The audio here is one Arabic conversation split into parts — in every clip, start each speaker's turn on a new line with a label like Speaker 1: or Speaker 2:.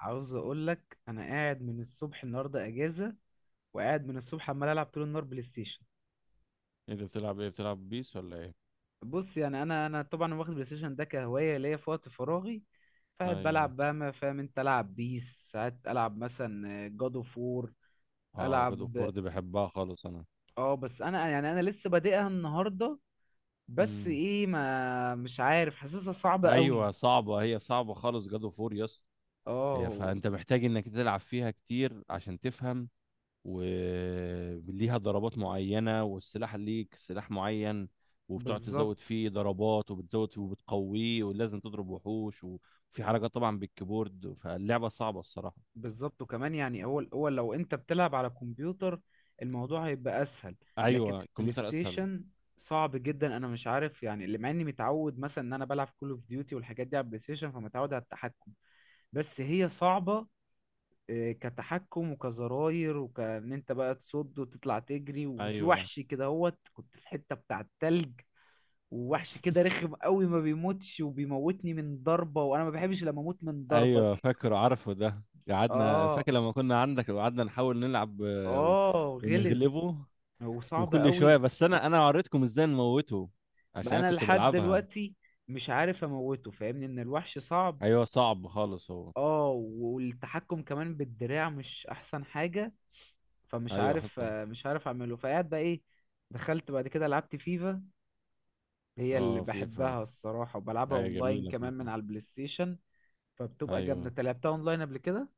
Speaker 1: عاوز اقول لك انا قاعد من الصبح النهارده اجازه، وقاعد من الصبح عمال العب طول النهار بلاي ستيشن.
Speaker 2: انت بتلعب ايه؟ بتلعب بيس ولا ايه؟
Speaker 1: بص، يعني انا طبعا واخد بلاي ستيشن ده كهوايه ليا في وقت فراغي. فقاعد
Speaker 2: ايوه.
Speaker 1: بلعب بقى، ما فاهم، انت العب بيس، ساعات العب مثلا جاد اوف وور.
Speaker 2: اه، جاد اوف وور
Speaker 1: العب.
Speaker 2: دي بحبها خالص انا.
Speaker 1: اه، بس انا يعني انا لسه بادئها النهارده. بس
Speaker 2: امم
Speaker 1: ايه، ما مش عارف، حاسسها صعبه قوي.
Speaker 2: ايوه صعبه، هي صعبه خالص جاد اوف وور يس. هي،
Speaker 1: اه،
Speaker 2: فانت محتاج انك تلعب فيها كتير عشان تفهم، وليها ضربات معينه والسلاح ليك سلاح معين، وبتقعد تزود
Speaker 1: بالظبط
Speaker 2: فيه ضربات وبتزود فيه وبتقويه، ولازم تضرب وحوش وفي حركات طبعا بالكيبورد، فاللعبه صعبه الصراحه.
Speaker 1: بالظبط وكمان يعني اول اول لو انت بتلعب على كمبيوتر الموضوع هيبقى اسهل. لكن
Speaker 2: ايوه
Speaker 1: البلاي
Speaker 2: الكمبيوتر اسهل.
Speaker 1: ستيشن صعب جدا. انا مش عارف يعني، اللي مع اني متعود مثلا ان انا بلعب كول اوف ديوتي والحاجات دي على البلاي ستيشن، فمتعود على التحكم. بس هي صعبة، كتحكم وكزراير، وكان انت بقى تصد وتطلع تجري، وفي
Speaker 2: ايوه.
Speaker 1: وحش كده هوت، كنت في حتة بتاع التلج. ووحش كده رخم قوي، ما بيموتش وبيموتني من ضربة، وانا ما بحبش لما اموت من ضربة
Speaker 2: ايوه
Speaker 1: دي.
Speaker 2: فاكره عارفه ده، قعدنا
Speaker 1: اه،
Speaker 2: فاكر لما كنا عندك وقعدنا نحاول نلعب
Speaker 1: اه غلس.
Speaker 2: ونغلبه.
Speaker 1: هو صعب
Speaker 2: وكل شويه،
Speaker 1: قوي.
Speaker 2: بس انا وريتكم ازاي نموته عشان
Speaker 1: ما
Speaker 2: انا
Speaker 1: انا
Speaker 2: كنت
Speaker 1: لحد
Speaker 2: بلعبها.
Speaker 1: دلوقتي مش عارف اموته، فاهمني؟ ان الوحش صعب.
Speaker 2: ايوه صعب خالص هو.
Speaker 1: اه. والتحكم كمان بالدراع مش احسن حاجة. فمش
Speaker 2: ايوه
Speaker 1: عارف،
Speaker 2: حصل.
Speaker 1: مش عارف اعمله. فقعد بقى ايه، دخلت بعد كده لعبت فيفا. هي اللي
Speaker 2: اه فيفا،
Speaker 1: بحبها الصراحة، وبلعبها
Speaker 2: ايوه
Speaker 1: اونلاين
Speaker 2: جميله
Speaker 1: كمان من
Speaker 2: فيفا.
Speaker 1: على البلاي ستيشن. فبتبقى جامدة.
Speaker 2: ايوه.
Speaker 1: انت لعبتها اونلاين قبل كده؟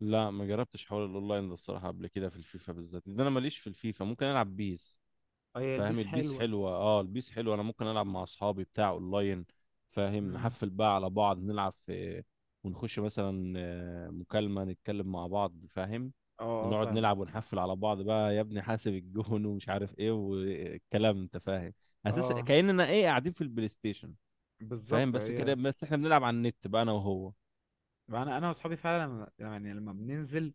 Speaker 2: لا، ما جربتش حوار الاونلاين ده الصراحه قبل كده في الفيفا بالذات، لان انا ماليش في الفيفا، ممكن العب بيس.
Speaker 1: اه، هي
Speaker 2: فاهم،
Speaker 1: البيس
Speaker 2: البيس
Speaker 1: حلوة.
Speaker 2: حلوة، اه البيس حلوة، انا ممكن العب مع اصحابي بتاع اونلاين. فاهم،
Speaker 1: مم.
Speaker 2: نحفل بقى على بعض نلعب في، ونخش مثلا مكالمة نتكلم مع بعض فاهم،
Speaker 1: اه، اه
Speaker 2: ونقعد
Speaker 1: فاهمك.
Speaker 2: نلعب ونحفل على بعض بقى: يا ابني حاسب الجون ومش عارف ايه والكلام، انت فاهم، اساس
Speaker 1: اه،
Speaker 2: كأننا ايه، قاعدين في البلاي ستيشن. فاهم.
Speaker 1: بالظبط
Speaker 2: بس كده،
Speaker 1: هي.
Speaker 2: بس احنا بنلعب على النت بقى انا وهو.
Speaker 1: انا واصحابي فعلا يعني لما بننزل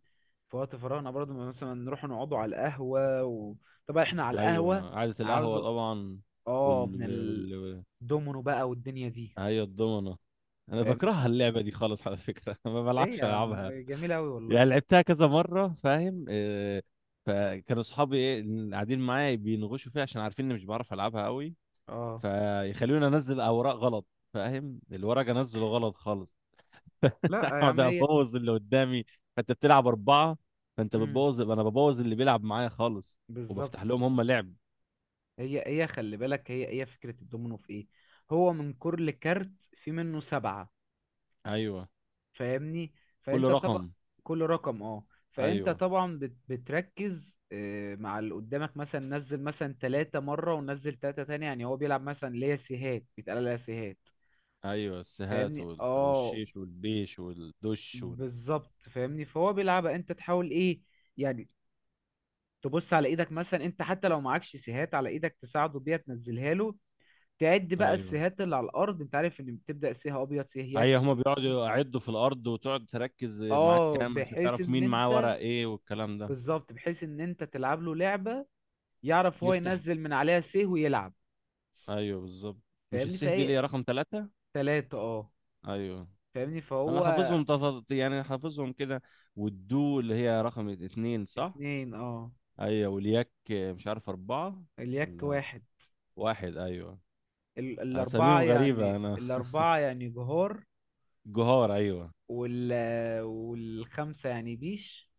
Speaker 1: في وقت فراغنا برضه مثلا، نروح نقعدوا على القهوه و طبعا احنا على القهوه.
Speaker 2: ايوه قعدة
Speaker 1: عاوز،
Speaker 2: القهوة طبعا.
Speaker 1: اه، من
Speaker 2: وال وال
Speaker 1: الدومينو بقى والدنيا دي.
Speaker 2: ايوه الضمنة. انا
Speaker 1: فاهم؟
Speaker 2: بكرهها اللعبة دي خالص على فكرة ما
Speaker 1: ليه
Speaker 2: بلعبش،
Speaker 1: يا عم؟
Speaker 2: العبها
Speaker 1: جميله قوي والله.
Speaker 2: يعني لعبتها كذا مرة فاهم. فكانوا صحابي ايه اللي قاعدين معايا بينغشوا فيها عشان عارفين اني مش بعرف العبها قوي،
Speaker 1: اه.
Speaker 2: فيخلوني انزل اوراق غلط. فاهم، الورق انزله غلط خالص
Speaker 1: لا يا
Speaker 2: اقعد
Speaker 1: عم، هي
Speaker 2: ابوظ اللي قدامي. فانت بتلعب اربعة، فانت
Speaker 1: امم
Speaker 2: بتبوظ، انا ببوظ اللي بيلعب معايا خالص وبفتح
Speaker 1: بالظبط.
Speaker 2: لهم هم لعب.
Speaker 1: هي خلي بالك، هي فكره الدومينو في ايه؟ هو من كل كارت في منه سبعه.
Speaker 2: ايوه
Speaker 1: فاهمني؟
Speaker 2: كل
Speaker 1: فانت طبعا
Speaker 2: رقم.
Speaker 1: كل رقم، اه، فانت
Speaker 2: ايوه
Speaker 1: طبعا بتركز، مع اللي قدامك مثلا نزل مثلا ثلاثة مرة ونزل ثلاثة تاني، يعني هو بيلعب مثلا. ليا سيهات، بيتقال ليا سيهات.
Speaker 2: ايوه السهات
Speaker 1: فاهمني؟ اه،
Speaker 2: والشيش والبيش والدش
Speaker 1: بالظبط، فاهمني، فهو بيلعبها، انت تحاول ايه يعني؟ تبص على ايدك مثلا، انت حتى لو معكش سيهات على ايدك تساعده بيها تنزلها له. تعد بقى
Speaker 2: ايوه.
Speaker 1: السيهات اللي على الارض، انت عارف ان بتبدأ سيه ابيض، سيه يك،
Speaker 2: ايوه هما
Speaker 1: سيه بلو.
Speaker 2: بيقعدوا يعدوا في الارض وتقعد تركز معاك
Speaker 1: اه،
Speaker 2: كام عشان
Speaker 1: بحيث
Speaker 2: تعرف
Speaker 1: ان
Speaker 2: مين معاه ورق
Speaker 1: انت،
Speaker 2: ايه والكلام ده.
Speaker 1: بالظبط، بحيث ان انت تلعب له لعبه يعرف هو
Speaker 2: يفتح،
Speaker 1: ينزل من عليها سيه ويلعب.
Speaker 2: ايوه بالظبط. مش
Speaker 1: فاهمني؟
Speaker 2: السه دي
Speaker 1: فايه؟
Speaker 2: ليه رقم ثلاثة؟
Speaker 1: ثلاثه، اه،
Speaker 2: ايوه.
Speaker 1: فاهمني،
Speaker 2: انا
Speaker 1: فهو
Speaker 2: حافظهم يعني حافظهم كده، والدو اللي هي رقم اتنين صح؟
Speaker 1: اتنين، اه،
Speaker 2: ايوه. والياك مش عارف اربعة
Speaker 1: اليك
Speaker 2: ولا
Speaker 1: واحد.
Speaker 2: واحد، ايوه.
Speaker 1: الاربعه
Speaker 2: اساميهم غريبة
Speaker 1: يعني،
Speaker 2: انا.
Speaker 1: الاربعه يعني جهار.
Speaker 2: جهار، ايوه.
Speaker 1: وال والخمسه يعني بيش.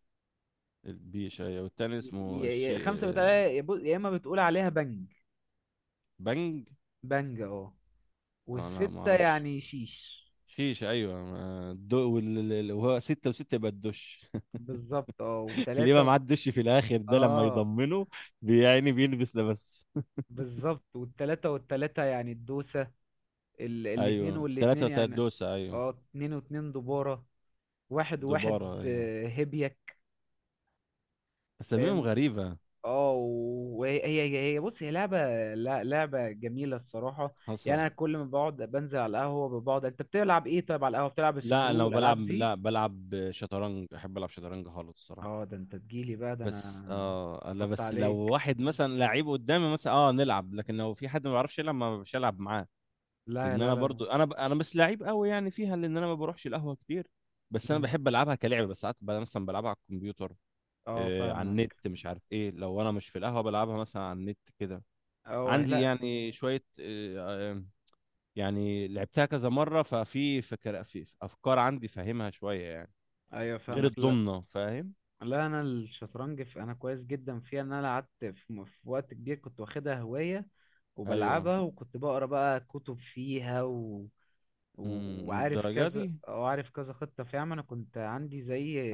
Speaker 2: البيش، ايوه، والتاني اسمه
Speaker 1: ي ي
Speaker 2: الشيء.
Speaker 1: خمسه بتقول، يا اما بتقول عليها بنج.
Speaker 2: بنج.
Speaker 1: بنج، اه،
Speaker 2: انا ما
Speaker 1: والسته
Speaker 2: اعرفش.
Speaker 1: يعني شيش.
Speaker 2: شيش، ايوه، الدو وهو ستة وستة يبقى الدش.
Speaker 1: بالظبط، اه
Speaker 2: اللي يبقى
Speaker 1: والتلاته،
Speaker 2: معاه الدش في الاخر ده لما
Speaker 1: اه
Speaker 2: يضمنه بيعني بيلبس ده بس.
Speaker 1: بالظبط. والتلاته والتلاته يعني الدوسه. الاتنين
Speaker 2: ايوه ثلاثة
Speaker 1: والاتنين
Speaker 2: وتلات
Speaker 1: يعني،
Speaker 2: دوسة، ايوه.
Speaker 1: اه، اتنين واتنين دبارة، واحد وواحد
Speaker 2: دبارة، ايوه.
Speaker 1: هبيك.
Speaker 2: اساميهم
Speaker 1: فاهم؟
Speaker 2: غريبة.
Speaker 1: اه، وهي هي هي بص، هي لعبة، لا لعبة جميلة الصراحة. يعني
Speaker 2: حصل.
Speaker 1: انا كل ما بقعد بنزل على القهوة بقعد، انت بتلعب ايه طيب على القهوة؟ بتلعب
Speaker 2: لا
Speaker 1: سكرو
Speaker 2: لو بلعب،
Speaker 1: والالعاب دي؟
Speaker 2: لا بلعب شطرنج، احب العب شطرنج خالص الصراحة.
Speaker 1: اه، ده انت تجيلي بقى، ده
Speaker 2: بس
Speaker 1: انا
Speaker 2: اه، لا،
Speaker 1: حط
Speaker 2: بس لو
Speaker 1: عليك.
Speaker 2: واحد مثلا لعيب قدامي مثلا، اه نلعب، لكن لو في حد ما بيعرفش يلعب ما بش العب معاه.
Speaker 1: لا،
Speaker 2: ان
Speaker 1: لا،
Speaker 2: انا
Speaker 1: لا.
Speaker 2: برضو انا انا مش لعيب قوي يعني فيها لان انا ما بروحش القهوه كتير، بس انا
Speaker 1: مم.
Speaker 2: بحب العبها كلعبه، بس ساعات بقى مثلا بلعبها على الكمبيوتر.
Speaker 1: اه
Speaker 2: آه على النت،
Speaker 1: فاهمك.
Speaker 2: مش عارف ايه، لو انا مش في القهوه بلعبها مثلا على النت كده.
Speaker 1: اه،
Speaker 2: عندي
Speaker 1: لا.
Speaker 2: يعني شويه آه، آه، يعني لعبتها كذا مره ففي فكر في افكار عندي، فاهمها شويه يعني،
Speaker 1: ايوه
Speaker 2: غير
Speaker 1: فاهمك، لا.
Speaker 2: الضمنه فاهم.
Speaker 1: لا، انا الشطرنج في، انا كويس جدا فيها، ان انا قعدت في وقت كبير كنت واخدها هواية.
Speaker 2: ايوه.
Speaker 1: وبلعبها، وكنت بقرا بقى كتب فيها و وعارف
Speaker 2: الدرجه دي،
Speaker 1: كذا، وعارف كذا خطة فيها، ما انا كنت عندي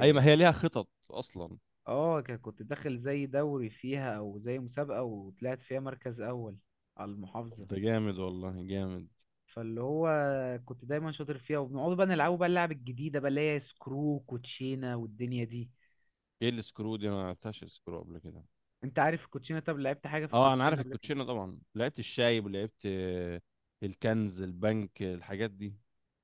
Speaker 2: اي ما هي ليها خطط اصلا.
Speaker 1: اه كنت داخل زي دوري فيها او زي مسابقة، وطلعت فيها مركز اول على
Speaker 2: طب
Speaker 1: المحافظة.
Speaker 2: ده جامد، والله جامد.
Speaker 1: فاللي هو كنت دايما شاطر فيها، وبنقعد بقى نلعبوا بقى اللعب الجديدة بقى اللي هي سكرو، كوتشينة، والدنيا دي.
Speaker 2: ايه السكرو دي؟ انا ما لعبتهاش سكرو قبل كده.
Speaker 1: انت عارف الكوتشينة؟ طب لعبت حاجة في
Speaker 2: اه انا عارف
Speaker 1: الكوتشينة قبل كده؟
Speaker 2: الكوتشينه طبعا، لعبت الشايب ولعبت الكنز، البنك، الحاجات دي.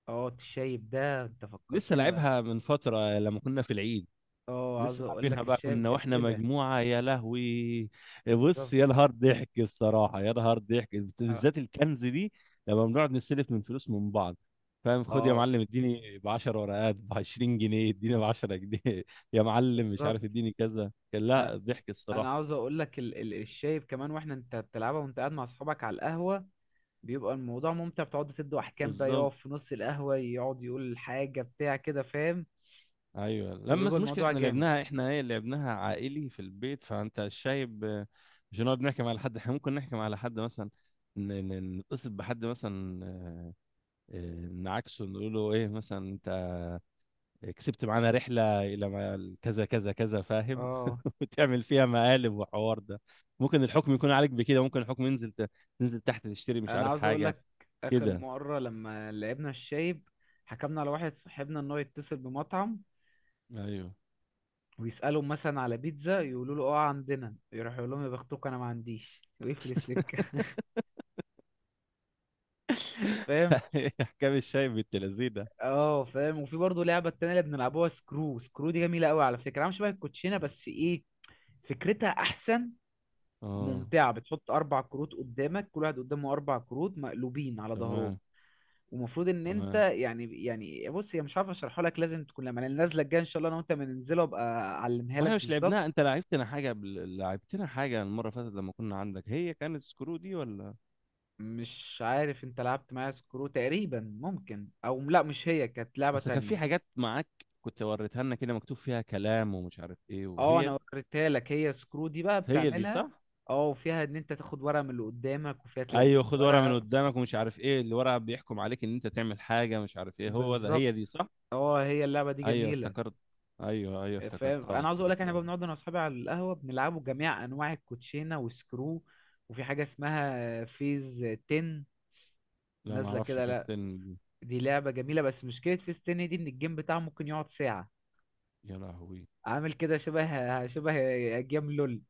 Speaker 1: اه، الشايب ده انت
Speaker 2: لسه
Speaker 1: فكرتني بقى.
Speaker 2: لعبها من فتره لما كنا في العيد،
Speaker 1: اه، عاوز
Speaker 2: لسه
Speaker 1: اقول
Speaker 2: لعبينها
Speaker 1: لك
Speaker 2: بقى
Speaker 1: الشايب
Speaker 2: كنا واحنا
Speaker 1: جميلة.
Speaker 2: مجموعه، يا لهوي. بص يا
Speaker 1: بالظبط.
Speaker 2: نهار ضحك الصراحه، يا نهار ضحك،
Speaker 1: اه.
Speaker 2: بالذات الكنز دي. لما بنقعد نستلف من فلوس من بعض، فاهم، خد يا
Speaker 1: آه.
Speaker 2: معلم اديني ب 10 ورقات، ب 20 جنيه اديني، ب 10 جنيه يا معلم، مش
Speaker 1: بالظبط.
Speaker 2: عارف اديني كذا، كان
Speaker 1: انا
Speaker 2: لا ضحك
Speaker 1: أنا
Speaker 2: الصراحه.
Speaker 1: عاوز اقول لك الشايب كمان، واحنا انت بتلعبها وانت قاعد مع اصحابك على القهوه بيبقى الموضوع ممتع، بتقعدوا تدوا احكام بقى،
Speaker 2: بالظبط.
Speaker 1: يقف في نص القهوه يقعد يقول حاجه بتاع كده، فاهم؟
Speaker 2: ايوه، لما، بس
Speaker 1: فبيبقى
Speaker 2: المشكله
Speaker 1: الموضوع
Speaker 2: احنا
Speaker 1: جامد.
Speaker 2: لعبناها احنا، ايه، لعبناها عائلي في البيت، فانت شايب مش هنقعد نحكم على حد، احنا ممكن نحكم على حد مثلا، نتصل بحد مثلا نعاكسه نقول له ايه مثلا: انت كسبت معانا رحله الى كذا كذا كذا، فاهم.
Speaker 1: اه،
Speaker 2: وتعمل فيها مقالب وحوار ده، ممكن الحكم يكون عليك بكده، ممكن الحكم ينزل تنزل تحت تشتري مش
Speaker 1: انا
Speaker 2: عارف
Speaker 1: عاوز اقول
Speaker 2: حاجه
Speaker 1: لك، اخر
Speaker 2: كده.
Speaker 1: مره لما لعبنا الشايب حكمنا على واحد صاحبنا ان هو يتصل بمطعم
Speaker 2: ايوه.
Speaker 1: ويسالهم مثلا على بيتزا، يقولوا له اه عندنا، يروح يقول لهم يا بختكم انا ما عنديش ويقفل السكه. فاهم؟
Speaker 2: احكام الشايب بالتلازينه.
Speaker 1: اه فاهم. وفي برضه لعبه التانية اللي بنلعبوها سكرو، سكرو دي جميله قوي على فكره، عامله شبه الكوتشينه بس ايه، فكرتها احسن
Speaker 2: اه.
Speaker 1: وممتعه. بتحط اربع كروت قدامك، كل واحد قدامه اربع كروت مقلوبين على ظهرهم.
Speaker 2: تمام.
Speaker 1: ومفروض ان انت
Speaker 2: تمام.
Speaker 1: يعني بص، هي مش عارف اشرحها لك، لازم تكون، لما النازله الجايه ان شاء الله انا وانت بننزله ابقى اعلمها لك
Speaker 2: واحنا مش لعبناها،
Speaker 1: بالظبط.
Speaker 2: انت لعبتنا حاجه لعبتنا حاجه المره اللي فاتت لما كنا عندك، هي كانت سكرو دي ولا؟
Speaker 1: مش عارف، انت لعبت معايا سكرو تقريبا؟ ممكن، او لا، مش هي كانت لعبه
Speaker 2: اصل كان في
Speaker 1: تانية.
Speaker 2: حاجات معاك كنت وريتها لنا كده، مكتوب فيها كلام ومش عارف ايه،
Speaker 1: اه،
Speaker 2: وهي دي-،
Speaker 1: انا وريتها لك، هي سكرو دي بقى
Speaker 2: هي دي
Speaker 1: بتعملها.
Speaker 2: صح.
Speaker 1: اه، وفيها ان انت تاخد ورقة من اللي قدامك، وفيها
Speaker 2: ايوه
Speaker 1: تلبس
Speaker 2: خد ورقه من
Speaker 1: ورقة.
Speaker 2: قدامك، ومش عارف ايه اللي ورقه بيحكم عليك ان انت تعمل حاجه مش عارف ايه، هو ده، هي دي
Speaker 1: بالظبط.
Speaker 2: صح.
Speaker 1: اه، هي اللعبة دي
Speaker 2: ايوه
Speaker 1: جميلة.
Speaker 2: افتكرت، ايوه ايوه
Speaker 1: فاهم؟
Speaker 2: افتكرتها
Speaker 1: انا عاوز اقول لك، احنا بقى
Speaker 2: افتكرتها.
Speaker 1: بنقعد انا واصحابي على القهوة بنلعبوا جميع انواع الكوتشينة وسكرو. وفي حاجة اسمها فيز 10
Speaker 2: لا ما
Speaker 1: نازلة
Speaker 2: اعرفش
Speaker 1: كده،
Speaker 2: في
Speaker 1: لا،
Speaker 2: ستين دي.
Speaker 1: دي لعبة جميلة، بس مشكلة فيز 10 دي ان الجيم بتاعها ممكن يقعد ساعة.
Speaker 2: يا لهوي.
Speaker 1: عامل كده شبه شبه جيم لول.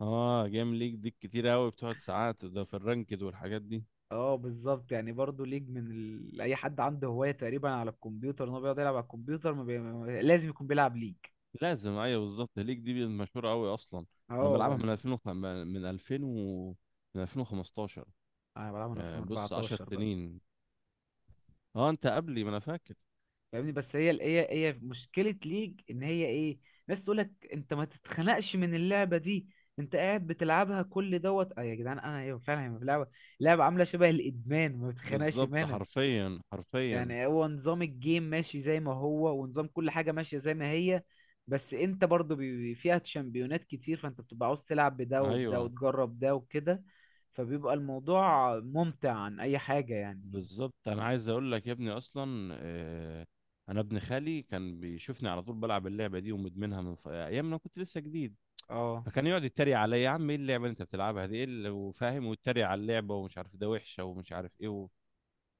Speaker 2: اه جيم ليك دي كتير قوي بتقعد ساعات، ده في الرانكد والحاجات دي.
Speaker 1: اه بالظبط، يعني برضو ليج من اي حد عنده هوايه تقريبا على الكمبيوتر ان هو بيقعد يلعب على الكمبيوتر، ما بي... ما- لازم يكون بيلعب ليج.
Speaker 2: لازم، ايوه بالظبط، ليك دي مشهوره قوي اصلا. انا بلعبها
Speaker 1: اه،
Speaker 2: من 2000 من 2000 من 2015.
Speaker 1: انا بلعب من
Speaker 2: يعني بص 10
Speaker 1: 2014 بقى.
Speaker 2: سنين. اه انت قبلي ما انا فاكر.
Speaker 1: فاهمني، بس هي مشكله ليج ان هي ايه، ناس تقول لك انت ما تتخنقش من اللعبه دي، انت قاعد بتلعبها كل دوت، اه يا جدعان، انا ايوه فعلا، هي لعبه عامله شبه الادمان، ما بتخنقش
Speaker 2: بالظبط،
Speaker 1: منها.
Speaker 2: حرفيا حرفيا.
Speaker 1: يعني هو نظام الجيم ماشي زي ما هو، ونظام كل حاجة ماشية زي ما هي. بس انت برضو فيها شامبيونات كتير، فانت بتبقى عاوز تلعب بده وبده،
Speaker 2: ايوه
Speaker 1: وتجرب ده وكده. فبيبقى الموضوع ممتع عن اي حاجة يعني.
Speaker 2: بالظبط. انا عايز اقول لك يا ابني، اصلا انا ابن خالي كان بيشوفني على طول بلعب اللعبه دي ومدمنها من ايام ما كنت لسه جديد،
Speaker 1: اه
Speaker 2: فكان يقعد يتريق عليا: يا عم ايه اللعبه اللي انت بتلعبها دي، ايه اللي…، وفاهم، ويتريق على اللعبه ومش عارف ده وحشه ومش عارف ايه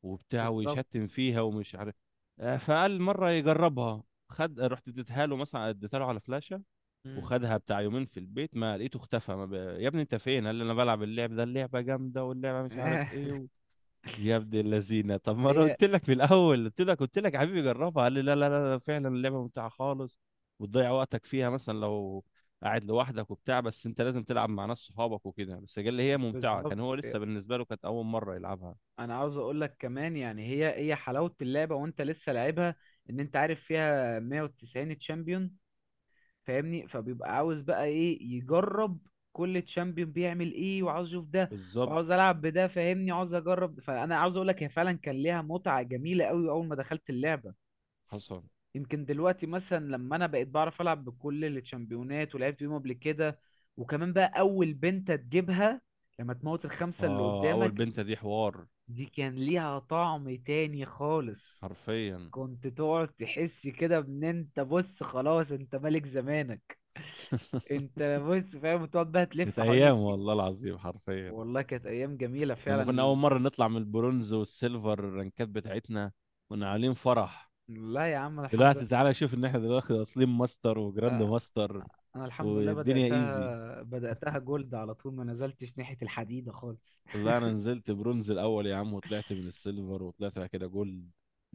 Speaker 2: وبتاع،
Speaker 1: بالظبط.
Speaker 2: ويشتم فيها ومش عارف. فقال مره يجربها، خد رحت اديتها له، مثلا اديتها له على فلاشه،
Speaker 1: مم.
Speaker 2: وخدها بتاع يومين في البيت، ما لقيته اختفى ما يا ابني انت فين؟ قال لي انا بلعب اللعب ده، اللعبه جامده واللعبه مش عارف ايه يا ابن اللذينه، طب ما انا
Speaker 1: هي
Speaker 2: قلت لك في الاول، قلت لك يا حبيبي جربها، قال لي لا لا لا لا، فعلا اللعبه ممتعه خالص وتضيع وقتك فيها مثلا لو قاعد لوحدك وبتاع، بس انت لازم تلعب مع ناس صحابك وكده، بس قال لي هي ممتعه، كان هو
Speaker 1: بالظبط.
Speaker 2: لسه بالنسبه له كانت اول مره يلعبها.
Speaker 1: انا عاوز اقول لك كمان، يعني هي حلاوة اللعبة وانت لسه لعبها، ان انت عارف فيها 190 تشامبيون، فاهمني؟ فبيبقى عاوز بقى ايه، يجرب كل تشامبيون بيعمل ايه، وعاوز اشوف ده،
Speaker 2: بالظبط.
Speaker 1: وعاوز العب بده، فاهمني، عاوز اجرب. فانا عاوز اقول لك هي فعلا كان ليها متعة جميلة قوي اول ما دخلت اللعبة.
Speaker 2: حصل.
Speaker 1: يمكن دلوقتي مثلا لما انا بقيت بعرف العب بكل التشامبيونات ولعبت بيهم قبل كده، وكمان بقى اول بنت تجيبها لما تموت الخمسة اللي
Speaker 2: اه اول
Speaker 1: قدامك،
Speaker 2: بنت دي حوار.
Speaker 1: دي كان ليها طعم تاني خالص.
Speaker 2: حرفيا.
Speaker 1: كنت تقعد تحس كده ان انت بص، خلاص انت ملك زمانك. انت بص، فاهم، تقعد بقى
Speaker 2: كانت
Speaker 1: تلف حوالين
Speaker 2: ايام والله العظيم حرفيا.
Speaker 1: والله كانت ايام جميله
Speaker 2: لما كنا اول
Speaker 1: فعلا.
Speaker 2: مره نطلع من البرونز والسيلفر الرنكات بتاعتنا، كنا عاملين فرح.
Speaker 1: لا يا عم، أنا الحمد لله.
Speaker 2: دلوقتي تعالى شوف ان احنا دلوقتي واصلين ماستر وجراند ماستر.
Speaker 1: انا الحمد لله
Speaker 2: والدنيا ايزي.
Speaker 1: بداتها جولد على طول، ما نزلتش ناحيه الحديده خالص.
Speaker 2: لا، انا نزلت برونز الاول يا عم، وطلعت من السيلفر وطلعت بعد كده جولد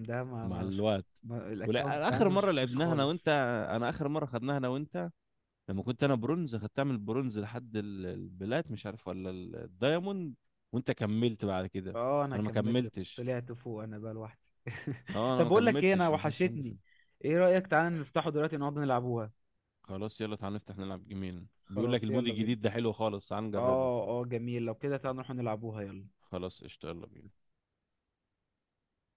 Speaker 1: ده ما
Speaker 2: مع
Speaker 1: ما شوف،
Speaker 2: الوقت.
Speaker 1: ما
Speaker 2: ولا
Speaker 1: الاكونت
Speaker 2: اخر
Speaker 1: عندي ما
Speaker 2: مره
Speaker 1: شوفوش
Speaker 2: لعبناها انا وانت،
Speaker 1: خالص.
Speaker 2: انا اخر مره خدناها انا وانت لما كنت انا برونز، خدتها من البرونز لحد البلات، مش عارف ولا الدايموند، وانت كملت بعد كده.
Speaker 1: اه انا
Speaker 2: انا ما
Speaker 1: كملت
Speaker 2: كملتش.
Speaker 1: طلعت فوق انا بقى لوحدي.
Speaker 2: اه انا
Speaker 1: طب
Speaker 2: ما
Speaker 1: بقول لك ايه، انا
Speaker 2: كملتش، ما كانش عندي
Speaker 1: وحشتني.
Speaker 2: فيلم.
Speaker 1: ايه رايك تعالى نفتحه دلوقتي نقعد نلعبوها؟
Speaker 2: خلاص يلا تعال نفتح نلعب جيمين، بيقول لك
Speaker 1: خلاص
Speaker 2: المود
Speaker 1: يلا بينا.
Speaker 2: الجديد ده حلو خالص، تعال نجربه.
Speaker 1: اه اه جميل، لو كده تعالى نروح نلعبوها يلا.
Speaker 2: خلاص قشطة يلا بينا.